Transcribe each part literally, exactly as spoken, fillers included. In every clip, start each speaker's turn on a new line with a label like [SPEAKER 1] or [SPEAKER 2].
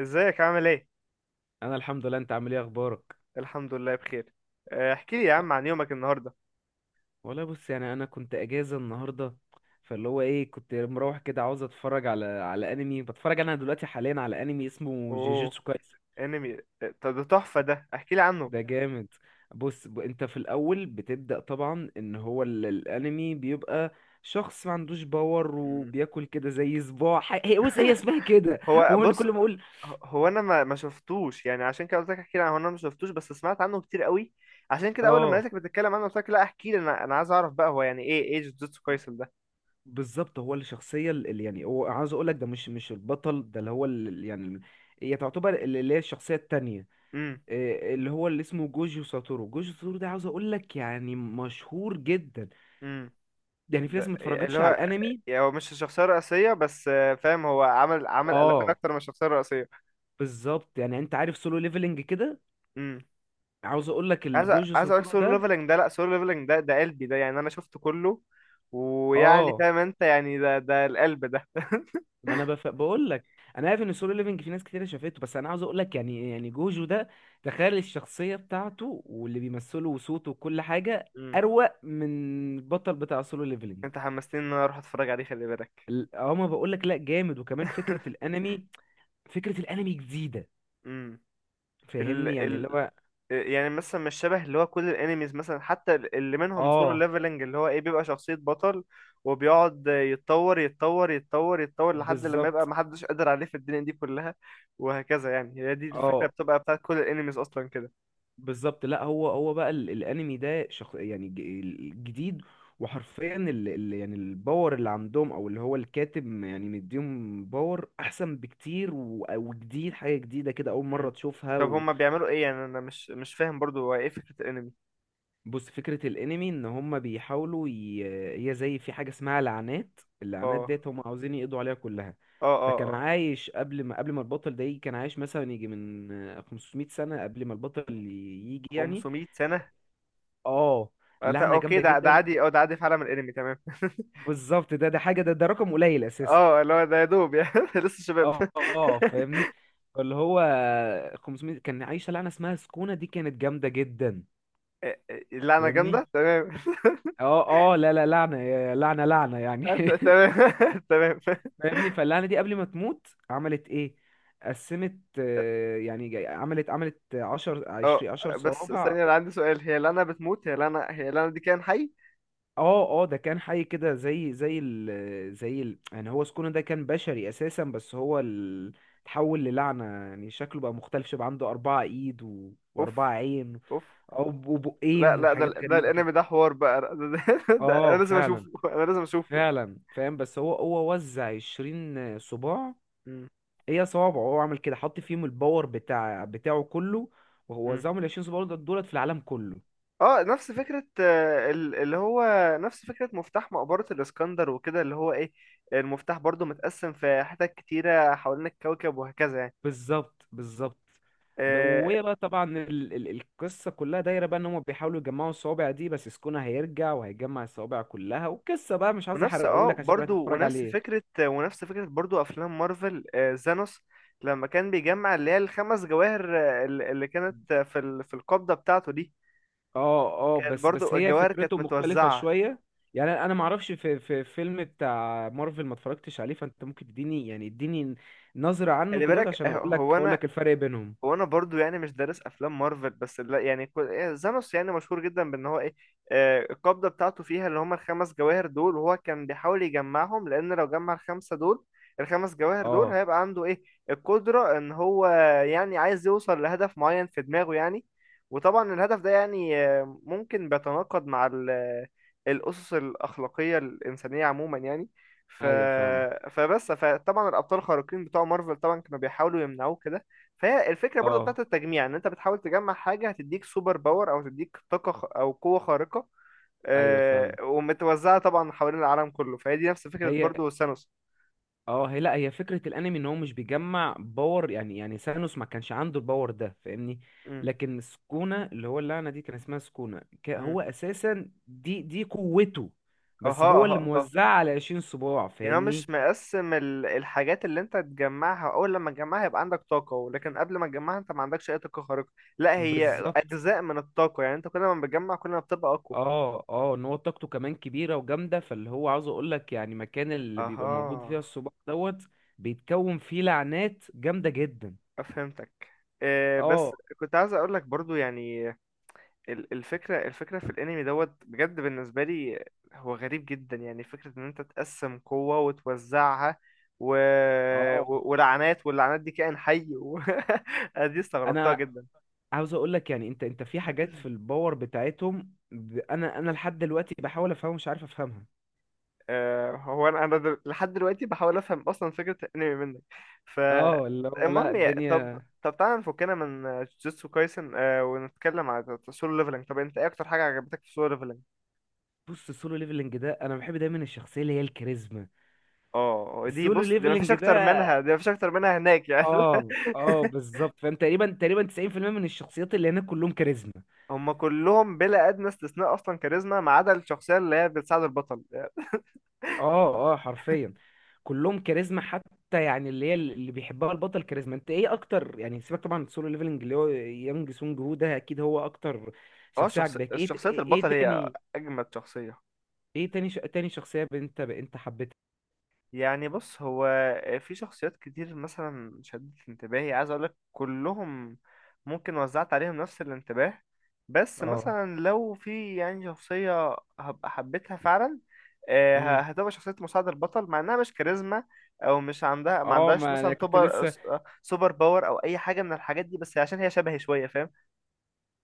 [SPEAKER 1] ازيك عامل ايه؟
[SPEAKER 2] انا الحمد لله، انت عامل ايه اخبارك؟
[SPEAKER 1] الحمد لله بخير. آه، احكي لي يا عم عن يومك النهارده.
[SPEAKER 2] والله بص يعني انا كنت اجازه النهارده. فاللي هو ايه كنت مروح كده عاوز اتفرج على على انمي، بتفرج انا دلوقتي حاليا على انمي اسمه
[SPEAKER 1] اوه.
[SPEAKER 2] جيجيتسو كايسن.
[SPEAKER 1] انمي، آه، طب ده تحفة، ده احكي لي عنه.
[SPEAKER 2] ده جامد. بص ب... انت في الاول بتبدا طبعا ان هو ال... الانمي بيبقى شخص ما عندوش باور،
[SPEAKER 1] مم.
[SPEAKER 2] وبياكل كده زي صباع. ح- هي بص هي اسمها كده.
[SPEAKER 1] هو
[SPEAKER 2] هو ان
[SPEAKER 1] بص،
[SPEAKER 2] كل ما اقول.
[SPEAKER 1] ه- هو انا ما ما شفتوش يعني، عشان كده قلت لك احكي لي عنه. هو انا ما شفتوش، بس سمعت عنه كتير قوي. عشان كده اول لما
[SPEAKER 2] اه.
[SPEAKER 1] لقيتك بتتكلم عنه قلت لك لا احكي لي، انا انا عايز اعرف بقى هو يعني ايه ايه جوجوتسو كايسن ده.
[SPEAKER 2] بالظبط، هو الشخصية اللي يعني هو عاوز اقول لك ده مش مش البطل، ده اللي هو اللي يعني هي تعتبر اللي اللي هي الشخصية التانية.
[SPEAKER 1] امم
[SPEAKER 2] إيه اللي هو اللي اسمه جوجو ساتورو، جوجو ساتورو ده عاوز اقول لك يعني مشهور جدا.
[SPEAKER 1] امم
[SPEAKER 2] يعني في ناس
[SPEAKER 1] ده
[SPEAKER 2] ما
[SPEAKER 1] اللي
[SPEAKER 2] اتفرجتش على
[SPEAKER 1] هو،
[SPEAKER 2] الانمي.
[SPEAKER 1] يعني هو مش الشخصية الرئيسية، بس آه، فاهم، هو عمل عمل قلبان
[SPEAKER 2] اه.
[SPEAKER 1] اكتر من الشخصية الرئيسية.
[SPEAKER 2] بالظبط، يعني انت عارف سولو ليفلنج كده.
[SPEAKER 1] امم
[SPEAKER 2] عاوز اقول لك
[SPEAKER 1] عايز أ-
[SPEAKER 2] الجوجو
[SPEAKER 1] عايز اقولك
[SPEAKER 2] ساتورو
[SPEAKER 1] سولو
[SPEAKER 2] ده.
[SPEAKER 1] ليفلنج ده لا، سولو ليفلنج ده ده قلبي ده يعني، انا شفته كله، ويعني
[SPEAKER 2] اه.
[SPEAKER 1] فاهم انت يعني ده ده القلب ده.
[SPEAKER 2] ما انا بف... بقول لك. انا عارف ان السولو ليفنج في ناس كتير شافته، بس انا عاوز اقول لك يعني يعني جوجو ده، تخيل الشخصيه بتاعته واللي بيمثله وصوته وكل حاجه
[SPEAKER 1] مم.
[SPEAKER 2] اروق من البطل بتاع سولو ليفلنج.
[SPEAKER 1] انت حمستني ان انا اروح اتفرج عليه، خلي بالك.
[SPEAKER 2] هما بقول لك لا جامد، وكمان فكره الانمي، فكره الانمي جديده.
[SPEAKER 1] امم ال
[SPEAKER 2] فاهمني يعني
[SPEAKER 1] ال
[SPEAKER 2] اللي هو.
[SPEAKER 1] يعني مثلا مش شبه اللي هو كل الانميز، مثلا حتى ال- اللي منهم سولو
[SPEAKER 2] اه.
[SPEAKER 1] ليفلنج، اللي هو ايه، بيبقى شخصية بطل، وبيقعد يتطور يتطور يتطور يتطور لحد لما يبقى
[SPEAKER 2] بالظبط.
[SPEAKER 1] محدش قادر عليه في الدنيا دي كلها، وهكذا يعني. هي دي الفكرة
[SPEAKER 2] اه.
[SPEAKER 1] بتبقى بتاعت كل الانميز اصلا كده.
[SPEAKER 2] بالظبط، لا هو هو بقى ال- الانمي ده شخ... يعني ج- الجديد. وحرفيا ال... ال... يعني الباور اللي عندهم، او اللي هو الكاتب م- يعني مديهم باور احسن بكتير و... وجديد، حاجه جديده كده اول مره
[SPEAKER 1] مم.
[SPEAKER 2] تشوفها.
[SPEAKER 1] طب هما بيعملوا ايه؟ يعني انا مش مش فاهم برضو هو ايه فكرة الانمي.
[SPEAKER 2] وبص فكره الانمي ان هم بيحاولوا ي... هي زي في حاجه اسمها لعنات، اللعنات
[SPEAKER 1] اه،
[SPEAKER 2] ديت هم عاوزين يقضوا عليها كلها.
[SPEAKER 1] اه، اه،
[SPEAKER 2] فكان
[SPEAKER 1] اه.
[SPEAKER 2] عايش قبل ما قبل ما البطل ده يجي، كان عايش مثلا يجي من خمسمائة سنه قبل ما البطل يجي يعني.
[SPEAKER 1] خمسمية سنة.
[SPEAKER 2] اه.
[SPEAKER 1] آه، تا-
[SPEAKER 2] لعنة
[SPEAKER 1] اوكي،
[SPEAKER 2] جامدة
[SPEAKER 1] ده ده
[SPEAKER 2] جدا.
[SPEAKER 1] عادي، اه ده عادي في عالم الانمي تمام.
[SPEAKER 2] بالظبط، ده ده حاجه، ده ده رقم قليل اساسا.
[SPEAKER 1] اه اللي هو ده يا دوب يعني، لسه شباب.
[SPEAKER 2] اه، آه، فاهمني. اللي هو خمسمائة كان عايشه لعنه اسمها سكونه، دي كانت جامده جدا.
[SPEAKER 1] اللعنة
[SPEAKER 2] فاهمني.
[SPEAKER 1] جامدة تمام.
[SPEAKER 2] اه اه، لا لا، لعنه يا- لعنه لعنه يعني.
[SPEAKER 1] آه، ت- تمام. تمام.
[SPEAKER 2] فاهمني. فاللعنه دي قبل ما تموت عملت ايه؟ قسمت، آه، يعني جا- عملت عملت عشرة
[SPEAKER 1] اه
[SPEAKER 2] عشرين عشرة
[SPEAKER 1] بس
[SPEAKER 2] صوابع.
[SPEAKER 1] ثانية، انا عندي سؤال. هي لعنة بتموت؟ هي لعنة هي لعنة دي كائن حي؟
[SPEAKER 2] اه اه، ده كان حي كده زي زي ال زي ال يعني هو سكونه ده كان بشري اساسا، بس هو ال- اتحول للعنة. يعني شكله بقى مختلف، شبه عنده أربعة ايد و...
[SPEAKER 1] اوف.
[SPEAKER 2] وأربعة عين،
[SPEAKER 1] اوف.
[SPEAKER 2] أو
[SPEAKER 1] لا
[SPEAKER 2] وبقين
[SPEAKER 1] لا، ده
[SPEAKER 2] وحاجات
[SPEAKER 1] ال- ده
[SPEAKER 2] غريبة كده.
[SPEAKER 1] الانمي ده حوار بقى، ده, ده, ده انا
[SPEAKER 2] اه
[SPEAKER 1] لازم
[SPEAKER 2] فعلا.
[SPEAKER 1] اشوفه. انا لازم اشوفه.
[SPEAKER 2] فعلا فاهم، بس هو هو وزع عشرين صباع،
[SPEAKER 1] مم.
[SPEAKER 2] هي صوابعه. هو عمل كده حط فيهم الباور بتاع بتاعه كله، وهو وزعهم العشرين صباع دول دولت في العالم كله.
[SPEAKER 1] اه نفس فكرة، آه، ال- اللي هو نفس فكرة مفتاح مقبرة الإسكندر وكده، اللي هو ايه، المفتاح برضو متقسم في حتت كتيرة حوالين الكوكب وهكذا يعني.
[SPEAKER 2] بالظبط بالظبط. ب-
[SPEAKER 1] آه،
[SPEAKER 2] وهي بقى طبعا ال ال القصة كلها دايرة بقى ان هم بيحاولوا يجمعوا الصوابع دي، بس سكونة هيرجع وهيجمع الصوابع كلها، والقصة بقى مش عايز
[SPEAKER 1] ونفس اه
[SPEAKER 2] احرقهولك عشان تروح
[SPEAKER 1] برضو،
[SPEAKER 2] تتفرج
[SPEAKER 1] ونفس
[SPEAKER 2] عليه.
[SPEAKER 1] فكرة ونفس فكرة برضو أفلام مارفل، آه، زانوس، لما كان بيجمع اللي هي الخمس جواهر، آه، ال- اللي كانت آه، في ال- في القبضة بتاعته دي،
[SPEAKER 2] اه. اه،
[SPEAKER 1] كانت
[SPEAKER 2] بس بس
[SPEAKER 1] برضو
[SPEAKER 2] هي
[SPEAKER 1] الجواهر كانت
[SPEAKER 2] فكرته مختلفة
[SPEAKER 1] متوزعة.
[SPEAKER 2] شوية. يعني انا ما اعرفش، في في فيلم بتاع مارفل ما اتفرجتش عليه، فانت ممكن تديني يعني اديني نظرة عنه
[SPEAKER 1] خلي
[SPEAKER 2] كده
[SPEAKER 1] بالك، آه،
[SPEAKER 2] عشان اقول لك
[SPEAKER 1] هو
[SPEAKER 2] اقول
[SPEAKER 1] أنا
[SPEAKER 2] لك الفرق بينهم.
[SPEAKER 1] هو انا برضو يعني مش دارس افلام مارفل، بس لا يعني كو- إيه، زانوس يعني مشهور جدا بان هو ايه، آه، القبضه بتاعته فيها اللي هم الخمس جواهر دول، وهو كان بيحاول يجمعهم، لان لو جمع الخمسه دول، الخمس جواهر دول،
[SPEAKER 2] اه.
[SPEAKER 1] هيبقى عنده ايه، القدره ان هو يعني عايز يوصل لهدف معين في دماغه يعني. وطبعا الهدف ده يعني آه، ممكن بيتناقض مع ال- الاسس الاخلاقيه الانسانيه عموما يعني. ف...
[SPEAKER 2] ايوه فاهمك.
[SPEAKER 1] فبس فطبعا الابطال الخارقين بتوع مارفل طبعا كانوا بيحاولوا يمنعوه كده. فهي الفكرة برضو
[SPEAKER 2] اه
[SPEAKER 1] بتاعت التجميع، ان انت بتحاول تجمع حاجة هتديك سوبر باور او تديك طاقة خ- او قوة خارقة،
[SPEAKER 2] ايوه
[SPEAKER 1] آه،
[SPEAKER 2] فاهمك.
[SPEAKER 1] ومتوزعة طبعا حوالين العالم كله، فهي دي نفس فكرة
[SPEAKER 2] هي.
[SPEAKER 1] برضو ثانوس.
[SPEAKER 2] اه، هي لا هي فكرة الانمي ان هو مش بيجمع باور. يعني يعني سانوس ما كانش عنده الباور ده، فاهمني.
[SPEAKER 1] امم،
[SPEAKER 2] لكن سكونة اللي هو اللعنة دي كان اسمها سكونة، ك-
[SPEAKER 1] امم،
[SPEAKER 2] هو اساسا دي دي قوته. بس
[SPEAKER 1] اها،
[SPEAKER 2] هو
[SPEAKER 1] اها،
[SPEAKER 2] اللي
[SPEAKER 1] اها.
[SPEAKER 2] موزعها على عشرين صباع،
[SPEAKER 1] يعني هو
[SPEAKER 2] فاهمني.
[SPEAKER 1] مش مقسم ال- الحاجات اللي انت تجمعها، اول لما تجمعها يبقى عندك طاقة، ولكن قبل ما تجمعها انت ما عندكش اي طاقة خارقة. لا هي
[SPEAKER 2] بالظبط.
[SPEAKER 1] اجزاء من الطاقة يعني، انت كل ما بتجمع كل ما بتبقى اقوى.
[SPEAKER 2] اه اه، ان هو طاقته كمان كبيرة وجامدة. فاللي هو عاوز اقول لك يعني، مكان اللي بيبقى موجود فيها
[SPEAKER 1] اها.
[SPEAKER 2] الصباع دوت بيتكون فيه لعنات جامدة جدا.
[SPEAKER 1] فهمتك. آه،
[SPEAKER 2] اه.
[SPEAKER 1] بس كنت عايز اقول لك برضو يعني ال- الفكرة الفكرة في الانمي دوت بجد، بالنسبة لي هو غريب جدا، يعني فكرة ان انت تقسم قوة وتوزعها، و...
[SPEAKER 2] اه.
[SPEAKER 1] و... ولعنات، واللعنات دي كائن حي و... أنا دي استغربتها
[SPEAKER 2] انا
[SPEAKER 1] جدا.
[SPEAKER 2] عاوز اقول لك يعني انت انت في حاجات في الباور بتاعتهم، ب- انا انا لحد دلوقتي بحاول افهمها، مش عارف افهمها.
[SPEAKER 1] آه، هو انا انا دل- لحد دلوقتي بحاول افهم اصلا فكرة الانمي منك.
[SPEAKER 2] اه، اللي هو لا
[SPEAKER 1] فالمهم يا... طب
[SPEAKER 2] الدنيا.
[SPEAKER 1] طب تعالى نفكنا من جوجوتسو كايسن، آه، ونتكلم على سولو ليفلنج. طب انت ايه اكتر حاجة عجبتك في سولو ليفلنج؟
[SPEAKER 2] بص السولو ليفلنج ده انا بحب دايما الشخصيه اللي هي الكاريزما.
[SPEAKER 1] اه دي
[SPEAKER 2] السولو
[SPEAKER 1] بص، دي مفيش
[SPEAKER 2] ليفلنج
[SPEAKER 1] اكتر منها،
[SPEAKER 2] ده.
[SPEAKER 1] دي مفيش اكتر منها هناك يعني.
[SPEAKER 2] اه اه، بالظبط. فانت تقريبا تقريبا تسعين في المية من الشخصيات اللي هناك كلهم كاريزما.
[SPEAKER 1] هم كلهم بلا ادنى استثناء اصلا كاريزما، ما عدا الشخصيه اللي هي بتساعد البطل.
[SPEAKER 2] اه اه، حرفيا كلهم كاريزما، حتى يعني اللي هي اللي بيحبها البطل كاريزما. انت ايه اكتر؟ يعني سيبك طبعا من السولو ليفلنج، اللي هو يانج سونج هو ده اكيد هو اكتر
[SPEAKER 1] اه
[SPEAKER 2] شخصية
[SPEAKER 1] شخص...
[SPEAKER 2] عجباك. ايه ت-
[SPEAKER 1] شخصيه
[SPEAKER 2] ايه
[SPEAKER 1] البطل هي
[SPEAKER 2] تاني؟
[SPEAKER 1] اجمد شخصيه.
[SPEAKER 2] ايه تاني ش... تاني شخصية انت انت حبيتها؟
[SPEAKER 1] يعني بص، هو في شخصيات كتير مثلا شدت انتباهي، عايز اقولك كلهم ممكن وزعت عليهم نفس الانتباه. بس
[SPEAKER 2] اه.
[SPEAKER 1] مثلا لو في يعني شخصية هبقى حبيتها فعلا، آه،
[SPEAKER 2] امم.
[SPEAKER 1] ه- هتبقى شخصية مساعد البطل، مع انها مش كاريزما، او مش عندها، ما
[SPEAKER 2] اه،
[SPEAKER 1] عندهاش
[SPEAKER 2] ما انا
[SPEAKER 1] مثلا
[SPEAKER 2] كنت
[SPEAKER 1] توبر،
[SPEAKER 2] لسه.
[SPEAKER 1] آه، سوبر باور او اي حاجة من الحاجات دي، بس عشان هي شبهي شوية فاهم.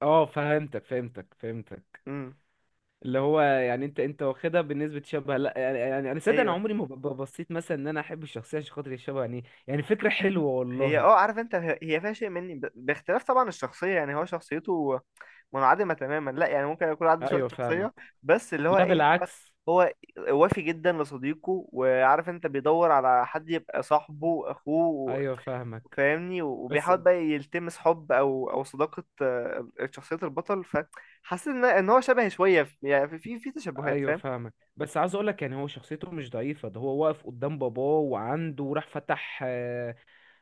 [SPEAKER 2] اه، فهمتك فهمتك فهمتك.
[SPEAKER 1] امم
[SPEAKER 2] اللي هو يعني انت انت واخدها بنسبة شبه. لا يعني، يعني انا صدق انا عمري ما ب- بصيت مثلا ان انا احب الشخصية عشان خاطر الشبه، يعني يعني فكرة حلوة
[SPEAKER 1] هي
[SPEAKER 2] والله.
[SPEAKER 1] اه عارف انت، هي هي فيها شيء مني ب- باختلاف طبعا الشخصية يعني، هو شخصيته منعدمة تماما، لا يعني ممكن يكون عنده شوية
[SPEAKER 2] ايوه
[SPEAKER 1] شخصية،
[SPEAKER 2] فاهمك.
[SPEAKER 1] بس اللي هو
[SPEAKER 2] لا
[SPEAKER 1] ايه، هو
[SPEAKER 2] بالعكس.
[SPEAKER 1] هو وافي جدا لصديقه، وعارف انت بيدور على حد يبقى صاحبه اخوه.
[SPEAKER 2] ايوه فاهمك
[SPEAKER 1] فاهمني.
[SPEAKER 2] بس.
[SPEAKER 1] وبيحاول بقى يلتمس حب او او صداقة، آه، شخصية البطل، فحاسس ان ان هو شبه شوية في- يعني في في في تشابهات
[SPEAKER 2] ايوه
[SPEAKER 1] فاهم.
[SPEAKER 2] فاهمك، بس عاوز اقولك يعني هو شخصيته مش ضعيفة. ده هو واقف قدام باباه وعنده، وراح فتح،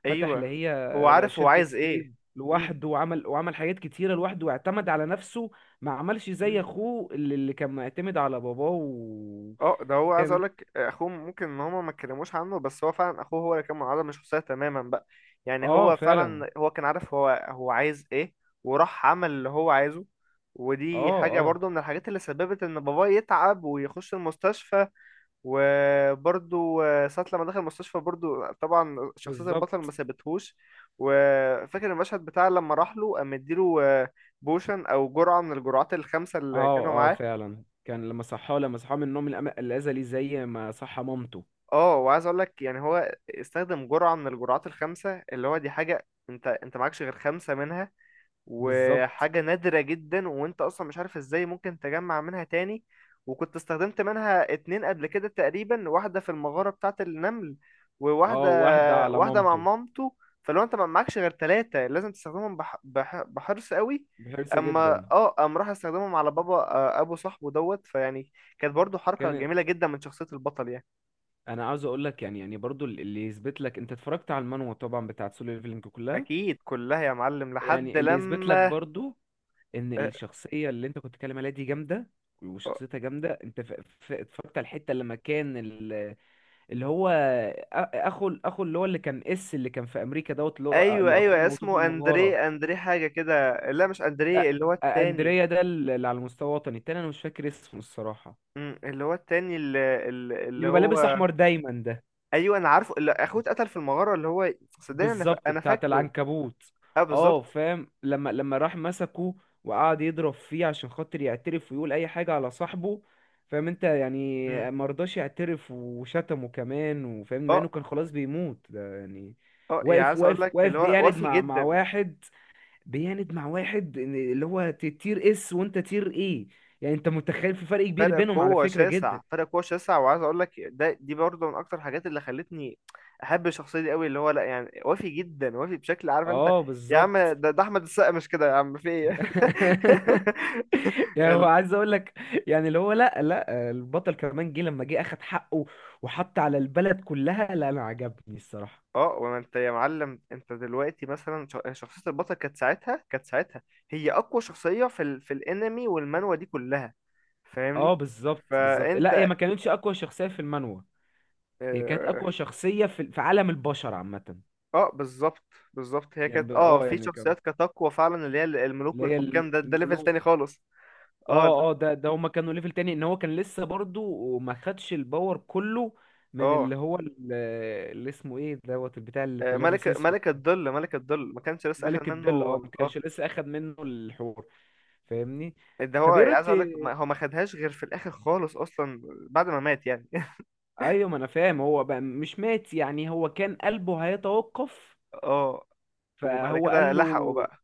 [SPEAKER 2] فتح اللي
[SPEAKER 1] ايوه
[SPEAKER 2] هي
[SPEAKER 1] هو
[SPEAKER 2] بقى
[SPEAKER 1] عارف هو
[SPEAKER 2] شركة
[SPEAKER 1] عايز
[SPEAKER 2] سيف
[SPEAKER 1] ايه. مم.
[SPEAKER 2] لوحده، وعمل وعمل حاجات كتيرة لوحده واعتمد على نفسه. ما عملش زي
[SPEAKER 1] مم.
[SPEAKER 2] أخوه، اللي, اللي كان معتمد على باباه و...
[SPEAKER 1] اه ده هو عايز
[SPEAKER 2] فاهم انت؟
[SPEAKER 1] اقولك، آه، اخوه ممكن ان هما ما اتكلموش عنه، بس هو فعلا اخوه هو اللي كان منعزل من الشخصيه تماما بقى، يعني
[SPEAKER 2] اه
[SPEAKER 1] هو
[SPEAKER 2] فعلا.
[SPEAKER 1] فعلا هو كان عارف هو هو عايز ايه، وراح عمل اللي هو عايزه. ودي
[SPEAKER 2] اه.
[SPEAKER 1] حاجه
[SPEAKER 2] اه
[SPEAKER 1] برضو من الحاجات اللي سببت ان باباه يتعب ويخش المستشفى. وبرضو آه، ساعه لما دخل المستشفى برضو، آه، طبعا شخصيه البطل ما
[SPEAKER 2] بالظبط.
[SPEAKER 1] سابتهوش، وفاكر المشهد بتاع لما راح له قام مديله، آه، بوشن او جرعه من الجرعات الخمسه اللي كانوا
[SPEAKER 2] اه اه
[SPEAKER 1] معاه.
[SPEAKER 2] فعلا، كان لما صحاه لما صحاه من النوم الأم- الأزلي، زي ما صحى مامته.
[SPEAKER 1] اه وعايز اقول لك يعني هو استخدم جرعة من الجرعات الخمسة، اللي هو دي حاجة انت انت معكش غير خمسة منها،
[SPEAKER 2] بالظبط.
[SPEAKER 1] وحاجة نادرة جدا، وانت اصلا مش عارف ازاي ممكن تجمع منها تاني. وكنت استخدمت منها اتنين قبل كده تقريبا، واحدة في المغارة بتاعة النمل،
[SPEAKER 2] اه،
[SPEAKER 1] وواحدة
[SPEAKER 2] واحدة على
[SPEAKER 1] واحدة مع
[SPEAKER 2] مامته.
[SPEAKER 1] مامته. فلو انت ما معكش غير تلاتة، لازم تستخدمهم بح... بح... بحرص قوي.
[SPEAKER 2] بحرص
[SPEAKER 1] اما
[SPEAKER 2] جدا.
[SPEAKER 1] اه قام راح استخدمهم على بابا، آه، ابو صاحبه دوت فيعني كانت برضو حركة
[SPEAKER 2] كان.
[SPEAKER 1] جميلة جدا من شخصية البطل يعني.
[SPEAKER 2] انا عاوز اقول لك يعني يعني برضو اللي يثبت لك، انت اتفرجت على المانوا طبعا بتاعت سولو ليفلينج كلها.
[SPEAKER 1] اكيد كلها يا معلم، لحد
[SPEAKER 2] يعني اللي يثبت لك
[SPEAKER 1] لما،
[SPEAKER 2] برضو ان الشخصيه اللي انت كنت بتتكلم عليها دي جامده، وشخصيتها جامده. انت ف- ف- اتفرجت على الحته لما كان ال- اللي هو أ- اخو اخو اللي هو اللي كان اس اللي كان في امريكا دوت، اللي هو
[SPEAKER 1] ايوه
[SPEAKER 2] اللي اخوه
[SPEAKER 1] ايوه،
[SPEAKER 2] موتوه في
[SPEAKER 1] اسمه
[SPEAKER 2] المغاره.
[SPEAKER 1] اندريه، اندريه حاجه كده، لا مش اندريه،
[SPEAKER 2] لا،
[SPEAKER 1] اللي هو
[SPEAKER 2] أ-
[SPEAKER 1] التاني.
[SPEAKER 2] اندريا ده اللي على المستوى الوطني التاني. انا مش فاكر اسمه الصراحه.
[SPEAKER 1] أمم، اللي هو التاني اللي, اللي
[SPEAKER 2] اللي
[SPEAKER 1] اللي
[SPEAKER 2] بيبقى لابس
[SPEAKER 1] هو،
[SPEAKER 2] احمر دايما ده.
[SPEAKER 1] ايوه انا عارفه، اللي اخوه اتقتل في المغاره اللي هو، صدقني انا فا-
[SPEAKER 2] بالظبط،
[SPEAKER 1] انا
[SPEAKER 2] بتاعت
[SPEAKER 1] فاكره.
[SPEAKER 2] العنكبوت.
[SPEAKER 1] اه
[SPEAKER 2] اه
[SPEAKER 1] بالظبط.
[SPEAKER 2] فاهم، لما لما راح مسكه وقعد يضرب فيه عشان خاطر يعترف ويقول اي حاجة على صاحبه. فاهم انت؟ يعني
[SPEAKER 1] أمم.
[SPEAKER 2] مرضاش يعترف وشتمه كمان وفاهم، مع انه
[SPEAKER 1] اه
[SPEAKER 2] كان خلاص بيموت ده يعني.
[SPEAKER 1] اه يعني
[SPEAKER 2] واقف
[SPEAKER 1] عايز اقول
[SPEAKER 2] واقف
[SPEAKER 1] لك
[SPEAKER 2] واقف
[SPEAKER 1] اللي هو
[SPEAKER 2] بيعند
[SPEAKER 1] وافي
[SPEAKER 2] مع مع
[SPEAKER 1] جدا،
[SPEAKER 2] واحد. بيعند مع واحد، إن اللي هو ت- تير اس، وانت تير ايه؟ يعني انت متخيل في فرق كبير
[SPEAKER 1] فرق
[SPEAKER 2] بينهم على
[SPEAKER 1] قوة
[SPEAKER 2] فكرة جدا.
[SPEAKER 1] شاسع، فرق قوة شاسع، وعايز اقول لك ده دي برضه من اكتر الحاجات اللي خلتني احب الشخصية دي قوي. اللي هو لا يعني وافي جدا، وافي بشكل عارف انت
[SPEAKER 2] اه
[SPEAKER 1] يا عم، ده,
[SPEAKER 2] بالظبط.
[SPEAKER 1] ده احمد السقا مش كده يا عم، في ايه؟
[SPEAKER 2] يعني هو
[SPEAKER 1] ال...
[SPEAKER 2] عايز اقول لك، يعني اللي هو لا لا، البطل كمان جه لما جه اخد حقه وحط على البلد كلها. لا، انا عجبني الصراحة.
[SPEAKER 1] اه وما انت يا معلم، انت دلوقتي مثلا ش- شخصية البطل كانت ساعتها كانت ساعتها هي اقوى شخصية في ال... في الانمي والمانوا دي كلها
[SPEAKER 2] اه،
[SPEAKER 1] فاهمني.
[SPEAKER 2] بالظبط بالظبط. لا هي
[SPEAKER 1] فانت
[SPEAKER 2] ما كانتش اقوى شخصية في المانوا، هي كانت
[SPEAKER 1] آه،
[SPEAKER 2] اقوى شخصية في في عالم البشر عامة.
[SPEAKER 1] اه بالظبط، بالظبط، هي
[SPEAKER 2] يعني ب-
[SPEAKER 1] كانت اه
[SPEAKER 2] اه
[SPEAKER 1] في
[SPEAKER 2] يعني كان،
[SPEAKER 1] شخصيات كانت اقوى فعلا، اللي هي الملوك
[SPEAKER 2] اللي هي ال-
[SPEAKER 1] والحكام، ده ده ليفل تاني
[SPEAKER 2] الملوك.
[SPEAKER 1] خالص. اه
[SPEAKER 2] اه اه، ده ده هما كانوا ليفل تاني. ان هو كان لسه برضو ما خدش الباور كله من
[SPEAKER 1] اه
[SPEAKER 2] اللي هو ال- اللي اسمه ايه دوت، البتاع اللي
[SPEAKER 1] آه،
[SPEAKER 2] كان لابس.
[SPEAKER 1] ملك ملك الظل، ملك الظل ما كانش لسه اخد
[SPEAKER 2] ملك
[SPEAKER 1] منه.
[SPEAKER 2] الظل، اه، ما
[SPEAKER 1] اه
[SPEAKER 2] كانش لسه اخد منه الحور، فاهمني.
[SPEAKER 1] ده هو
[SPEAKER 2] طب ايه رايك
[SPEAKER 1] عايز
[SPEAKER 2] ت-
[SPEAKER 1] اقول لك ما- هو ما خدهاش غير في الاخر خالص اصلا، بعد ما مات يعني.
[SPEAKER 2] ايوه، ما انا فاهم. هو بقى مش مات، يعني هو كان قلبه هيتوقف،
[SPEAKER 1] اه وبعد
[SPEAKER 2] فهو
[SPEAKER 1] كده
[SPEAKER 2] قال
[SPEAKER 1] لحقوا
[SPEAKER 2] له.
[SPEAKER 1] بقى،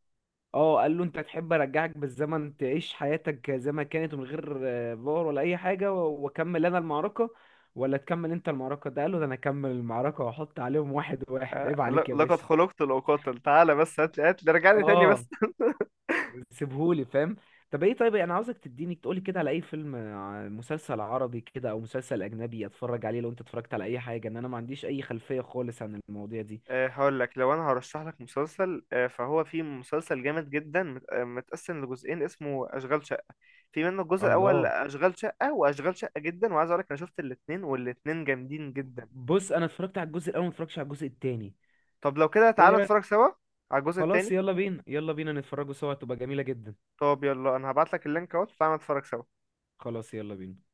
[SPEAKER 2] اه، قال له انت تحب ارجعك بالزمن تعيش حياتك زي ما كانت، من غير آه، فار ولا اي حاجه، و- واكمل انا المعركه ولا تكمل انت المعركه؟ ده قال له، ده انا اكمل المعركه واحط عليهم واحد واحد،
[SPEAKER 1] آه،
[SPEAKER 2] عيب عليك
[SPEAKER 1] ل-
[SPEAKER 2] يا
[SPEAKER 1] لقد
[SPEAKER 2] باشا.
[SPEAKER 1] خلقت لأقاتل، تعالى بس هات لي، هات لي رجعني تاني
[SPEAKER 2] اه.
[SPEAKER 1] بس.
[SPEAKER 2] سيبهولي فاهم. طب ايه، طيب انا عاوزك تديني تقولي كده على اي فيلم، ع- مسلسل عربي كده او مسلسل اجنبي اتفرج عليه، لو انت اتفرجت على اي حاجه، ان انا ما عنديش اي خلفيه خالص عن المواضيع دي.
[SPEAKER 1] آه، هقول لك لو انا هرشح لك مسلسل، آه، فهو في مسلسل جامد جدا مت- آه، متقسم لجزئين، اسمه اشغال شقه. في منه الجزء الاول
[SPEAKER 2] الله.
[SPEAKER 1] اشغال شقه، واشغال شقه جدا، وعايز اقول لك انا شفت الاثنين والاثنين جامدين جدا.
[SPEAKER 2] بص انا اتفرجت على الجزء الاول، ما اتفرجتش على الجزء التاني.
[SPEAKER 1] طب لو كده
[SPEAKER 2] ايه
[SPEAKER 1] تعالى
[SPEAKER 2] رايك؟
[SPEAKER 1] نتفرج سوا على الجزء
[SPEAKER 2] خلاص،
[SPEAKER 1] الثاني.
[SPEAKER 2] يلا بينا، يلا بينا نتفرجوا سوا تبقى جميله جدا.
[SPEAKER 1] طب يلا انا هبعت لك اللينك اهو، تعالى نتفرج سوا
[SPEAKER 2] خلاص يلا بينا.